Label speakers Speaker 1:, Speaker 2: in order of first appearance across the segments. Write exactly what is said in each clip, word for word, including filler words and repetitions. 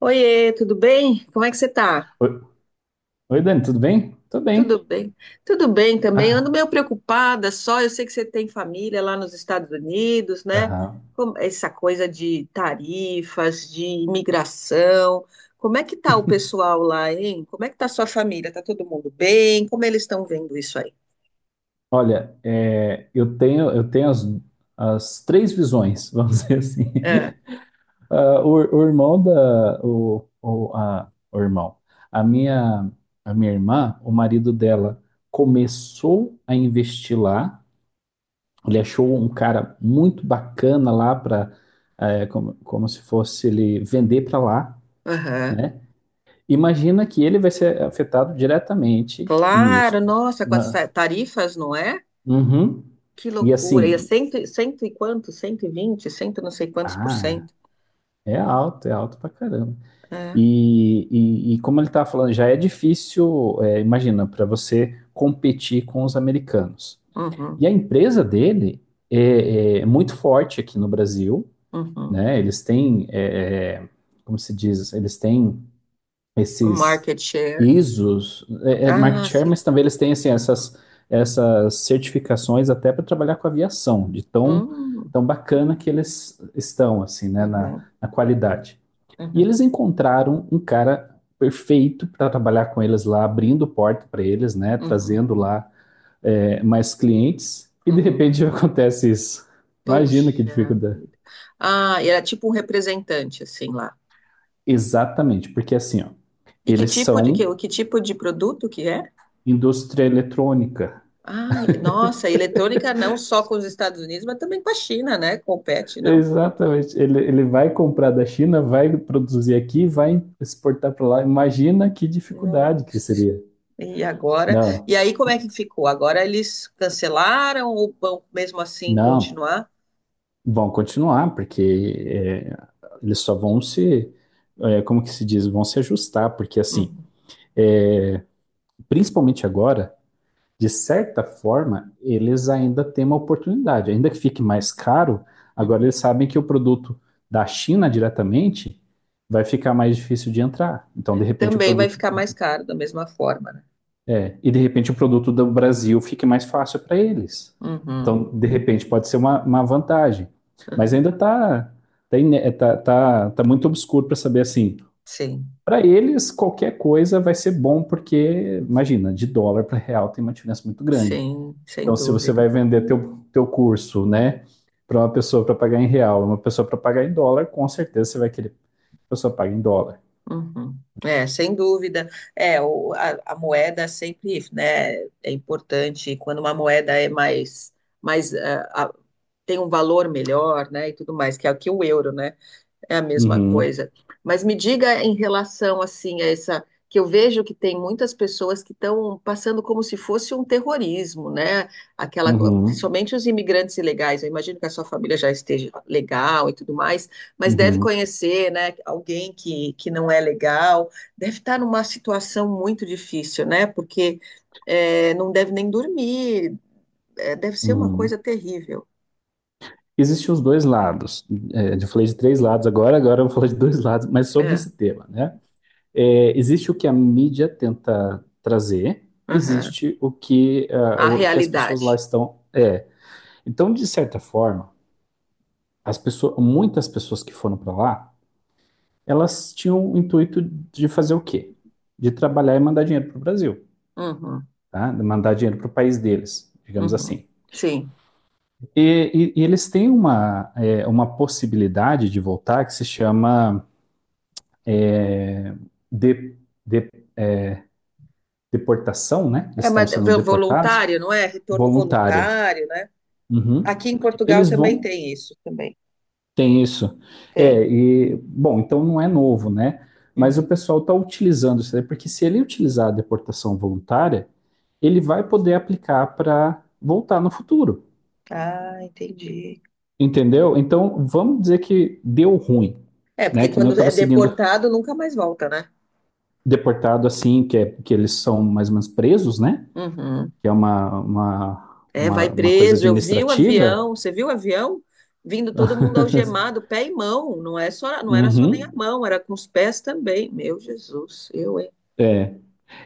Speaker 1: Oiê, tudo bem? Como é que você tá?
Speaker 2: Oi, oi, Dani, tudo bem? Tô bem.
Speaker 1: Tudo bem? Tudo bem também. Eu ando
Speaker 2: Ah,
Speaker 1: meio preocupada só. Eu sei que você tem família lá nos Estados Unidos, né?
Speaker 2: aham.
Speaker 1: Como- Essa coisa de tarifas, de imigração. Como é que tá o pessoal lá, hein? Como é que tá a sua família? Tá todo mundo bem? Como eles estão vendo isso aí?
Speaker 2: Olha, é, eu tenho, eu tenho as, as três visões, vamos dizer assim.
Speaker 1: É,
Speaker 2: Ah, o, o irmão da, o, o, a, o irmão, a minha, a minha irmã, o marido dela começou a investir lá. Ele achou um cara muito bacana lá para, como, como se fosse ele vender para lá,
Speaker 1: aham.
Speaker 2: né? Imagina que ele vai ser afetado diretamente nisso.
Speaker 1: Claro, nossa, com as
Speaker 2: Na-
Speaker 1: ta- tarifas, não é?
Speaker 2: Uhum.
Speaker 1: Que
Speaker 2: E
Speaker 1: loucura. E é
Speaker 2: assim,
Speaker 1: cento, e- cento e quanto? cento e vinte, cento e não sei quantos por
Speaker 2: ah,
Speaker 1: cento.
Speaker 2: é alto, é alto pra caramba.
Speaker 1: É.
Speaker 2: E, e, e como ele tá falando, já é difícil, é, imagina, para você competir com os americanos.
Speaker 1: Uhum,
Speaker 2: E a empresa dele é, é muito forte aqui no Brasil,
Speaker 1: uhum.
Speaker 2: né? Eles têm, é, é, como se diz, eles têm
Speaker 1: Um
Speaker 2: esses
Speaker 1: market share.
Speaker 2: I S Os, é, é market
Speaker 1: Ah,
Speaker 2: share,
Speaker 1: sim.
Speaker 2: mas também eles têm assim, essas, essas certificações até para trabalhar com aviação, de tão,
Speaker 1: Hum,
Speaker 2: tão bacana que eles estão assim, né,
Speaker 1: uhum,
Speaker 2: na, na qualidade. E
Speaker 1: uhum,
Speaker 2: eles encontraram um cara perfeito para trabalhar com eles lá, abrindo porta para eles, né,
Speaker 1: uhum,
Speaker 2: trazendo lá é, mais clientes, e de
Speaker 1: uhum.
Speaker 2: repente acontece isso. Imagina que
Speaker 1: Puxa
Speaker 2: dificuldade.
Speaker 1: vida. Ah, e era tipo um representante, assim, lá.
Speaker 2: Exatamente, porque assim, ó,
Speaker 1: E que
Speaker 2: eles
Speaker 1: tipo de,
Speaker 2: são
Speaker 1: que, que tipo de produto que é?
Speaker 2: indústria eletrônica.
Speaker 1: Ai, nossa, eletrônica não só com os Estados Unidos, mas também com a China, né? Compete, não.
Speaker 2: Exatamente. Ele, ele vai comprar da China, vai produzir aqui, vai exportar para lá. Imagina que dificuldade que
Speaker 1: Nossa,
Speaker 2: seria.
Speaker 1: e agora?
Speaker 2: Não,
Speaker 1: E aí, como é que ficou? Agora eles cancelaram ou vão mesmo assim
Speaker 2: não.
Speaker 1: continuar?
Speaker 2: Vão continuar, porque é, eles só vão se, é, como que se diz, vão se ajustar, porque assim,
Speaker 1: Uhum,
Speaker 2: é, principalmente agora, de certa forma, eles ainda têm uma oportunidade. Ainda que fique mais caro, agora
Speaker 1: uhum.
Speaker 2: eles sabem que o produto da China diretamente vai ficar mais difícil de entrar. Então, de repente, o
Speaker 1: Também vai
Speaker 2: produto
Speaker 1: ficar mais caro da mesma forma, né?
Speaker 2: E de repente o produto do Brasil fique mais fácil para eles.
Speaker 1: Uhum,
Speaker 2: Então, de repente, pode ser uma, uma vantagem. Mas
Speaker 1: uhum.
Speaker 2: ainda está tá, tá, tá, tá muito obscuro para saber assim.
Speaker 1: Sim,
Speaker 2: Para eles, qualquer coisa vai ser bom, porque, imagina, de dólar para real tem uma diferença muito grande.
Speaker 1: sim, sem
Speaker 2: Então, se você
Speaker 1: dúvida.
Speaker 2: vai vender teu, teu curso, né, para uma pessoa para pagar em real, uma pessoa para pagar em dólar, com certeza você vai querer que a pessoa pague em dólar.
Speaker 1: Uhum. É, sem dúvida. É, o, a, a moeda sempre, né, é importante quando uma moeda é mais, mais, ah, ah, tem um valor melhor, né, e tudo mais, que é o que o euro, né? É a mesma
Speaker 2: Uhum,
Speaker 1: coisa. Mas me diga em relação assim a essa que eu vejo que tem muitas pessoas que estão passando como se fosse um terrorismo, né? Aquela, co-
Speaker 2: uhum,
Speaker 1: principalmente os imigrantes ilegais. Eu imagino que a sua família já esteja legal e tudo mais, mas deve
Speaker 2: uhum,
Speaker 1: conhecer, né, alguém que, que, não é legal, deve estar numa situação muito difícil, né? Porque é, não deve nem dormir, é, deve ser uma
Speaker 2: uhum.
Speaker 1: coisa terrível.
Speaker 2: Existem os dois lados. É, eu falei de três lados agora, agora eu vou falar de dois lados, mas sobre
Speaker 1: É,
Speaker 2: esse tema, né? É, existe o que a mídia tenta trazer,
Speaker 1: aham.
Speaker 2: existe o que, ah,
Speaker 1: A
Speaker 2: o que as pessoas
Speaker 1: realidade.
Speaker 2: lá estão. É. Então, de certa forma, as pessoas, muitas pessoas que foram para lá, elas tinham o intuito de fazer o quê? De trabalhar e mandar dinheiro para o Brasil,
Speaker 1: Uhum.
Speaker 2: tá? De mandar dinheiro para o país deles, digamos
Speaker 1: Uhum.
Speaker 2: assim.
Speaker 1: Sim.
Speaker 2: E, e- e eles têm uma, é, uma possibilidade de voltar que se chama de, de- deportação, né? Eles
Speaker 1: É,
Speaker 2: estão
Speaker 1: mas
Speaker 2: sendo
Speaker 1: vo-
Speaker 2: deportados,
Speaker 1: voluntário, não é? Retorno
Speaker 2: voluntária.
Speaker 1: voluntário, né?
Speaker 2: Uhum.
Speaker 1: Aqui em Portugal
Speaker 2: Eles
Speaker 1: também
Speaker 2: vão,
Speaker 1: tem isso, também
Speaker 2: tem isso.
Speaker 1: tem.
Speaker 2: É, e, bom, então não é novo, né? Mas o
Speaker 1: Uhum.
Speaker 2: pessoal está utilizando isso porque se ele utilizar a deportação voluntária, ele vai poder aplicar para voltar no futuro,
Speaker 1: Ah, entendi.
Speaker 2: entendeu? Então, vamos dizer que deu ruim,
Speaker 1: É, porque
Speaker 2: né? Que nem eu
Speaker 1: quando é
Speaker 2: estava seguindo
Speaker 1: deportado, nunca mais volta, né?
Speaker 2: deportado assim, que, é, que eles são mais ou menos presos, né?
Speaker 1: Uhum.
Speaker 2: Que é uma, uma,
Speaker 1: É, vai
Speaker 2: uma, uma coisa
Speaker 1: preso. Eu vi o avião,
Speaker 2: administrativa.
Speaker 1: você viu o avião? Vindo todo mundo algemado, pé e mão. Não é só, não era só nem a
Speaker 2: Uhum.
Speaker 1: mão, era com os pés também. Meu Jesus, eu, hein?
Speaker 2: É,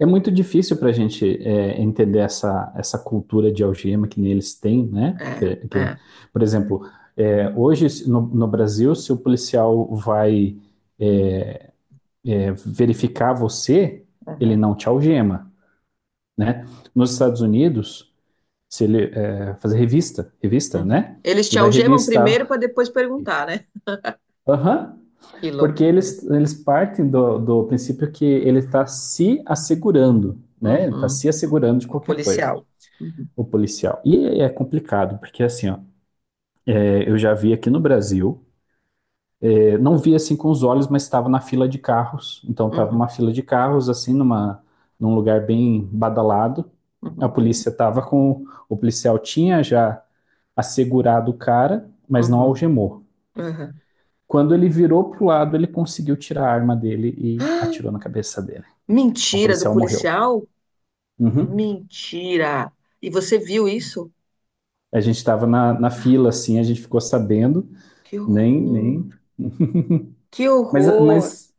Speaker 2: é muito difícil para a gente é, entender essa, essa cultura de algema que eles têm, né?
Speaker 1: É,
Speaker 2: Que, que,
Speaker 1: é.
Speaker 2: por exemplo, é, hoje se- no, no Brasil, se o policial vai é, é, verificar você, ele
Speaker 1: Uhum.
Speaker 2: não te algema, né? Nos Estados Unidos, se ele é, fazer revista, revista,
Speaker 1: Uhum.
Speaker 2: né?
Speaker 1: Eles
Speaker 2: Se
Speaker 1: te
Speaker 2: ele vai
Speaker 1: algemam primeiro
Speaker 2: revistar,
Speaker 1: para depois perguntar, né?
Speaker 2: aham.
Speaker 1: Que
Speaker 2: Porque
Speaker 1: loucura.
Speaker 2: eles, eles partem do, do princípio que ele está se assegurando, né? Está
Speaker 1: Uhum,
Speaker 2: se
Speaker 1: uhum.
Speaker 2: assegurando de
Speaker 1: O
Speaker 2: qualquer coisa,
Speaker 1: policial. Uhum,
Speaker 2: o policial. E é complicado, porque assim, ó, é, eu já vi aqui no Brasil, é, não vi assim com os olhos, mas estava na fila de carros. Então estava
Speaker 1: uhum,
Speaker 2: uma fila de carros, assim, numa, num lugar bem badalado. A
Speaker 1: uhum,
Speaker 2: polícia estava com. O policial tinha já assegurado o cara, mas não
Speaker 1: uhum,
Speaker 2: algemou.
Speaker 1: uhum.
Speaker 2: Quando ele virou pro lado, ele conseguiu tirar a arma dele e
Speaker 1: Ah,
Speaker 2: atirou na cabeça dele. O
Speaker 1: mentira do
Speaker 2: policial morreu.
Speaker 1: policial?
Speaker 2: Uhum.
Speaker 1: Mentira! E você viu isso?
Speaker 2: A gente estava na, na fila, assim, a gente ficou sabendo,
Speaker 1: Que
Speaker 2: nem, nem.
Speaker 1: horror! Que
Speaker 2: Mas,
Speaker 1: horror!
Speaker 2: mas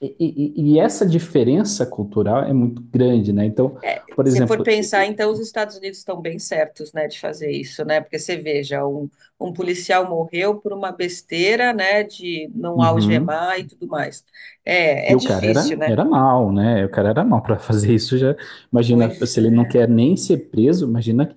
Speaker 2: e, e- e essa diferença cultural é muito grande, né? Então,
Speaker 1: É,
Speaker 2: por
Speaker 1: se for
Speaker 2: exemplo,
Speaker 1: pensar,
Speaker 2: e-
Speaker 1: então os Estados Unidos estão bem certos, né, de fazer isso, né? Porque você veja, um, um policial morreu por uma besteira, né, de não
Speaker 2: uhum.
Speaker 1: algemar e tudo mais. É, é
Speaker 2: E o cara
Speaker 1: difícil,
Speaker 2: era,
Speaker 1: né?
Speaker 2: era mal, né? O cara era mal para fazer isso. Já imagina
Speaker 1: Pois
Speaker 2: se ele não
Speaker 1: é.
Speaker 2: quer nem ser preso, imagina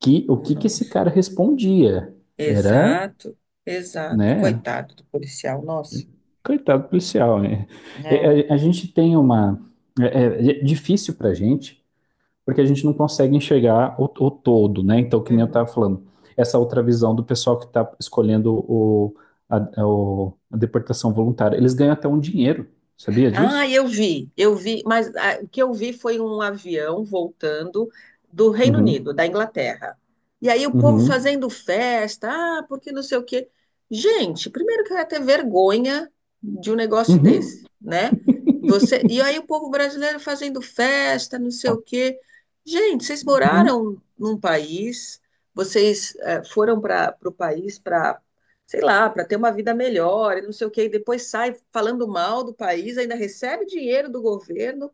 Speaker 2: que o que que esse
Speaker 1: Nossa.
Speaker 2: cara respondia? Era,
Speaker 1: Exato, exato.
Speaker 2: né?
Speaker 1: Coitado do policial, nossa.
Speaker 2: Coitado do policial, né?
Speaker 1: É.
Speaker 2: É, é, A, gente tem uma é, é é difícil para gente porque a gente não consegue enxergar o, o todo, né? Então, que nem eu
Speaker 1: Uhum.
Speaker 2: estava falando, essa outra visão do pessoal que está escolhendo o, a, o- a deportação voluntária, eles ganham até um dinheiro, sabia
Speaker 1: Ah,
Speaker 2: disso?
Speaker 1: eu vi, eu vi, mas ah, o que eu vi foi um avião voltando do Reino Unido,
Speaker 2: Uhum,
Speaker 1: da Inglaterra. E aí o povo
Speaker 2: uhum,
Speaker 1: fazendo festa, ah, porque não sei o quê. Gente, primeiro que eu ia ter vergonha de um negócio
Speaker 2: uhum,
Speaker 1: desse, né? Você, e aí o povo brasileiro fazendo festa, não sei o quê. Gente, vocês
Speaker 2: uhum,
Speaker 1: moraram num país, vocês eh, foram para o país para sei lá, para ter uma vida melhor e não sei o quê, e depois sai falando mal do país, ainda recebe dinheiro do governo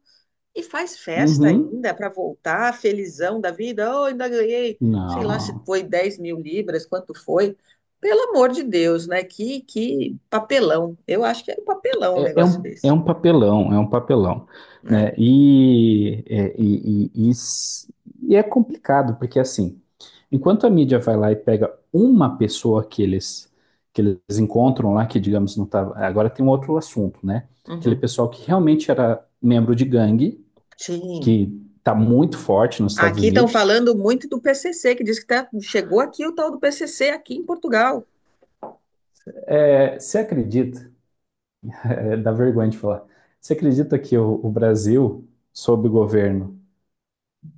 Speaker 1: e faz festa
Speaker 2: uhum.
Speaker 1: ainda para voltar felizão da vida. Oh, ainda ganhei, sei lá se
Speaker 2: Não.
Speaker 1: foi dez mil libras, quanto foi. Pelo amor de Deus, né? Que, que papelão. Eu acho que é um papelão um
Speaker 2: É, é
Speaker 1: negócio
Speaker 2: um, é
Speaker 1: desse,
Speaker 2: um papelão, é um papelão,
Speaker 1: né?
Speaker 2: né? E, é, e, e, e s- e é complicado, porque assim, enquanto a mídia vai lá e pega uma pessoa que eles, que eles encontram lá, que digamos não tava. Agora tem um outro assunto, né? Aquele
Speaker 1: Uhum.
Speaker 2: pessoal que realmente era membro de gangue,
Speaker 1: Sim.
Speaker 2: que tá muito forte nos Estados
Speaker 1: Aqui estão
Speaker 2: Unidos.
Speaker 1: falando muito do P C C, que diz que tá, chegou aqui o tal do P C C aqui em Portugal.
Speaker 2: É, você acredita, é, dá vergonha de falar, você acredita que o, o Brasil, sob o governo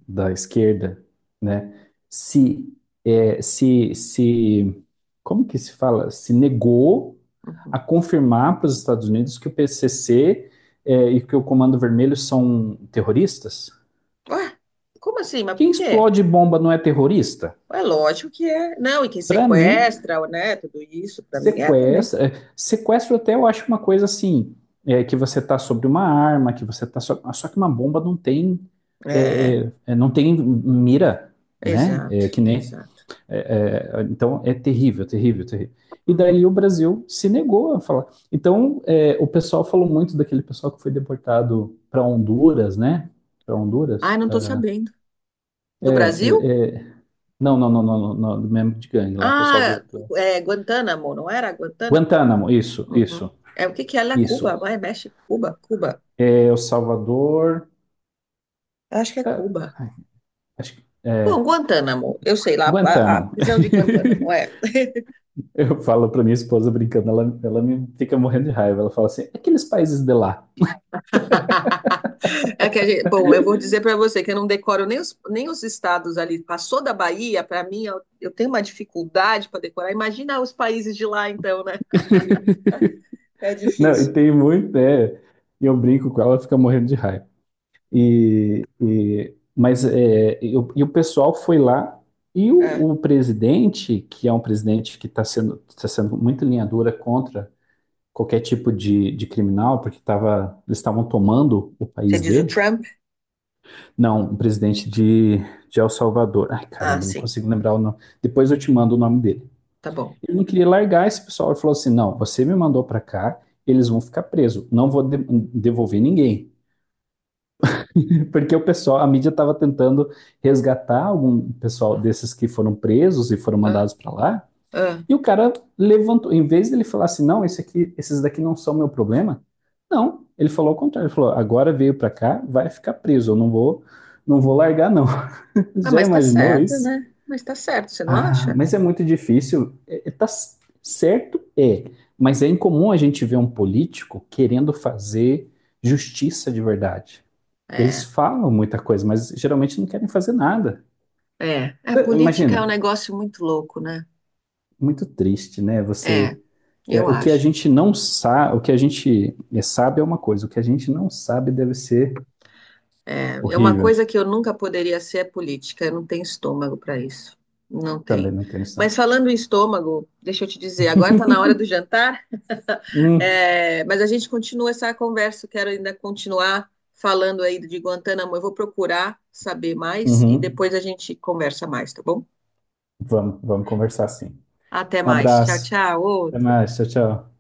Speaker 2: da esquerda, né, se, é, se, se, como que se fala? Se negou a confirmar para os Estados Unidos que o P C C é, e que o Comando Vermelho são terroristas?
Speaker 1: Ué, como assim? Mas por
Speaker 2: Quem
Speaker 1: quê?
Speaker 2: explode bomba não é terrorista?
Speaker 1: É lógico que é. Não, e quem
Speaker 2: Para mim,
Speaker 1: sequestra, né? Tudo isso, para mim é também.
Speaker 2: sequestro, é, sequestro até eu acho uma coisa assim, é, que você está sobre uma arma, que você está só, só que uma bomba não tem
Speaker 1: É,
Speaker 2: é, é, não tem mira, né?
Speaker 1: exato,
Speaker 2: É, que nem
Speaker 1: exato.
Speaker 2: É, é, então é terrível, terrível, terrível. E
Speaker 1: Uhum.
Speaker 2: daí o Brasil se negou a falar. Então é, o pessoal falou muito daquele pessoal que foi deportado para Honduras, né? Para Honduras?
Speaker 1: Ai, não tô
Speaker 2: Pra...
Speaker 1: sabendo.
Speaker 2: É,
Speaker 1: Do Brasil?
Speaker 2: é, não, não, não, não, não, não, membro de gangue lá, pessoal do,
Speaker 1: Ah,
Speaker 2: do...
Speaker 1: é Guantánamo, não era Guantánamo?
Speaker 2: Guantánamo, isso,
Speaker 1: Uhum.
Speaker 2: isso,
Speaker 1: É o que que é lá
Speaker 2: isso.
Speaker 1: Cuba? Vai, México, Cuba, Cuba.
Speaker 2: É, o Salvador.
Speaker 1: Eu acho que é
Speaker 2: é,
Speaker 1: Cuba.
Speaker 2: acho que.
Speaker 1: Bom,
Speaker 2: É,
Speaker 1: Guantánamo, eu sei lá, a, a
Speaker 2: Guantánamo.
Speaker 1: prisão de Guantánamo, é.
Speaker 2: Eu falo para minha esposa brincando, ela, ela me fica morrendo de raiva. Ela fala assim: aqueles países de lá.
Speaker 1: É que a gente- bom, eu vou dizer para você que eu não decoro nem os, nem os, estados ali. Passou da Bahia, para mim, eu, eu tenho uma dificuldade para decorar. Imagina os países de lá, então, né? É
Speaker 2: Não, e
Speaker 1: difícil.
Speaker 2: tem muito, é. E eu brinco com ela, ela fica morrendo de raiva. E, e- mas é, e, o e o pessoal foi lá e
Speaker 1: Ah,
Speaker 2: o, o presidente, que é um presidente que está sendo, tá sendo muito linha dura contra qualquer tipo de, de criminal, porque tava, eles estavam tomando o
Speaker 1: você
Speaker 2: país
Speaker 1: diz o
Speaker 2: dele.
Speaker 1: Trump?
Speaker 2: Não, o presidente de, de El Salvador. Ai,
Speaker 1: Ah,
Speaker 2: caramba, não
Speaker 1: sim,
Speaker 2: consigo lembrar o nome. Depois eu te mando o nome dele.
Speaker 1: tá bom.
Speaker 2: Ele não queria largar esse pessoal. Ele falou assim: não, você me mandou para cá, eles vão ficar presos. Não vou de- devolver ninguém. Porque o pessoal, a mídia estava tentando resgatar algum pessoal desses que foram presos e foram
Speaker 1: Ah,
Speaker 2: mandados para lá.
Speaker 1: ah.
Speaker 2: E o cara levantou, em vez dele falar assim: não, esse aqui, esses daqui não são meu problema. Não, ele falou o contrário. Ele falou: agora veio para cá, vai ficar preso. Eu não vou, não vou largar, não.
Speaker 1: Ah,
Speaker 2: Já
Speaker 1: mas tá
Speaker 2: imaginou
Speaker 1: certo,
Speaker 2: isso?
Speaker 1: né? Mas tá certo, você não
Speaker 2: Ah,
Speaker 1: acha?
Speaker 2: mas é muito difícil. É, é, tá c- certo, é. Mas é incomum a gente ver um político querendo fazer justiça de verdade. Eles
Speaker 1: É,
Speaker 2: falam muita coisa, mas geralmente não querem fazer nada.
Speaker 1: é. A
Speaker 2: Eh,
Speaker 1: política é
Speaker 2: Imagina,
Speaker 1: um negócio muito louco, né?
Speaker 2: muito triste, né?
Speaker 1: É,
Speaker 2: Você, é,
Speaker 1: eu
Speaker 2: o que a
Speaker 1: acho.
Speaker 2: gente não sabe, o que a gente é, sabe é uma coisa, o que a gente não sabe deve ser
Speaker 1: É é uma
Speaker 2: horrível.
Speaker 1: coisa que eu nunca poderia ser é política, eu não tenho estômago para isso. Não
Speaker 2: Também
Speaker 1: tem.
Speaker 2: não tem isso,
Speaker 1: Mas
Speaker 2: não.
Speaker 1: falando em estômago, deixa eu te dizer, agora está na hora do jantar,
Speaker 2: Hum,
Speaker 1: é, mas a gente continua essa conversa, eu quero ainda continuar falando aí de Guantanamo. Eu vou procurar saber mais e
Speaker 2: uhum.
Speaker 1: depois a gente conversa mais, tá bom?
Speaker 2: Vamos, vamos conversar sim.
Speaker 1: Até
Speaker 2: Um
Speaker 1: mais. Tchau,
Speaker 2: abraço.
Speaker 1: tchau.
Speaker 2: Até
Speaker 1: Outro.
Speaker 2: mais. Tchau, tchau.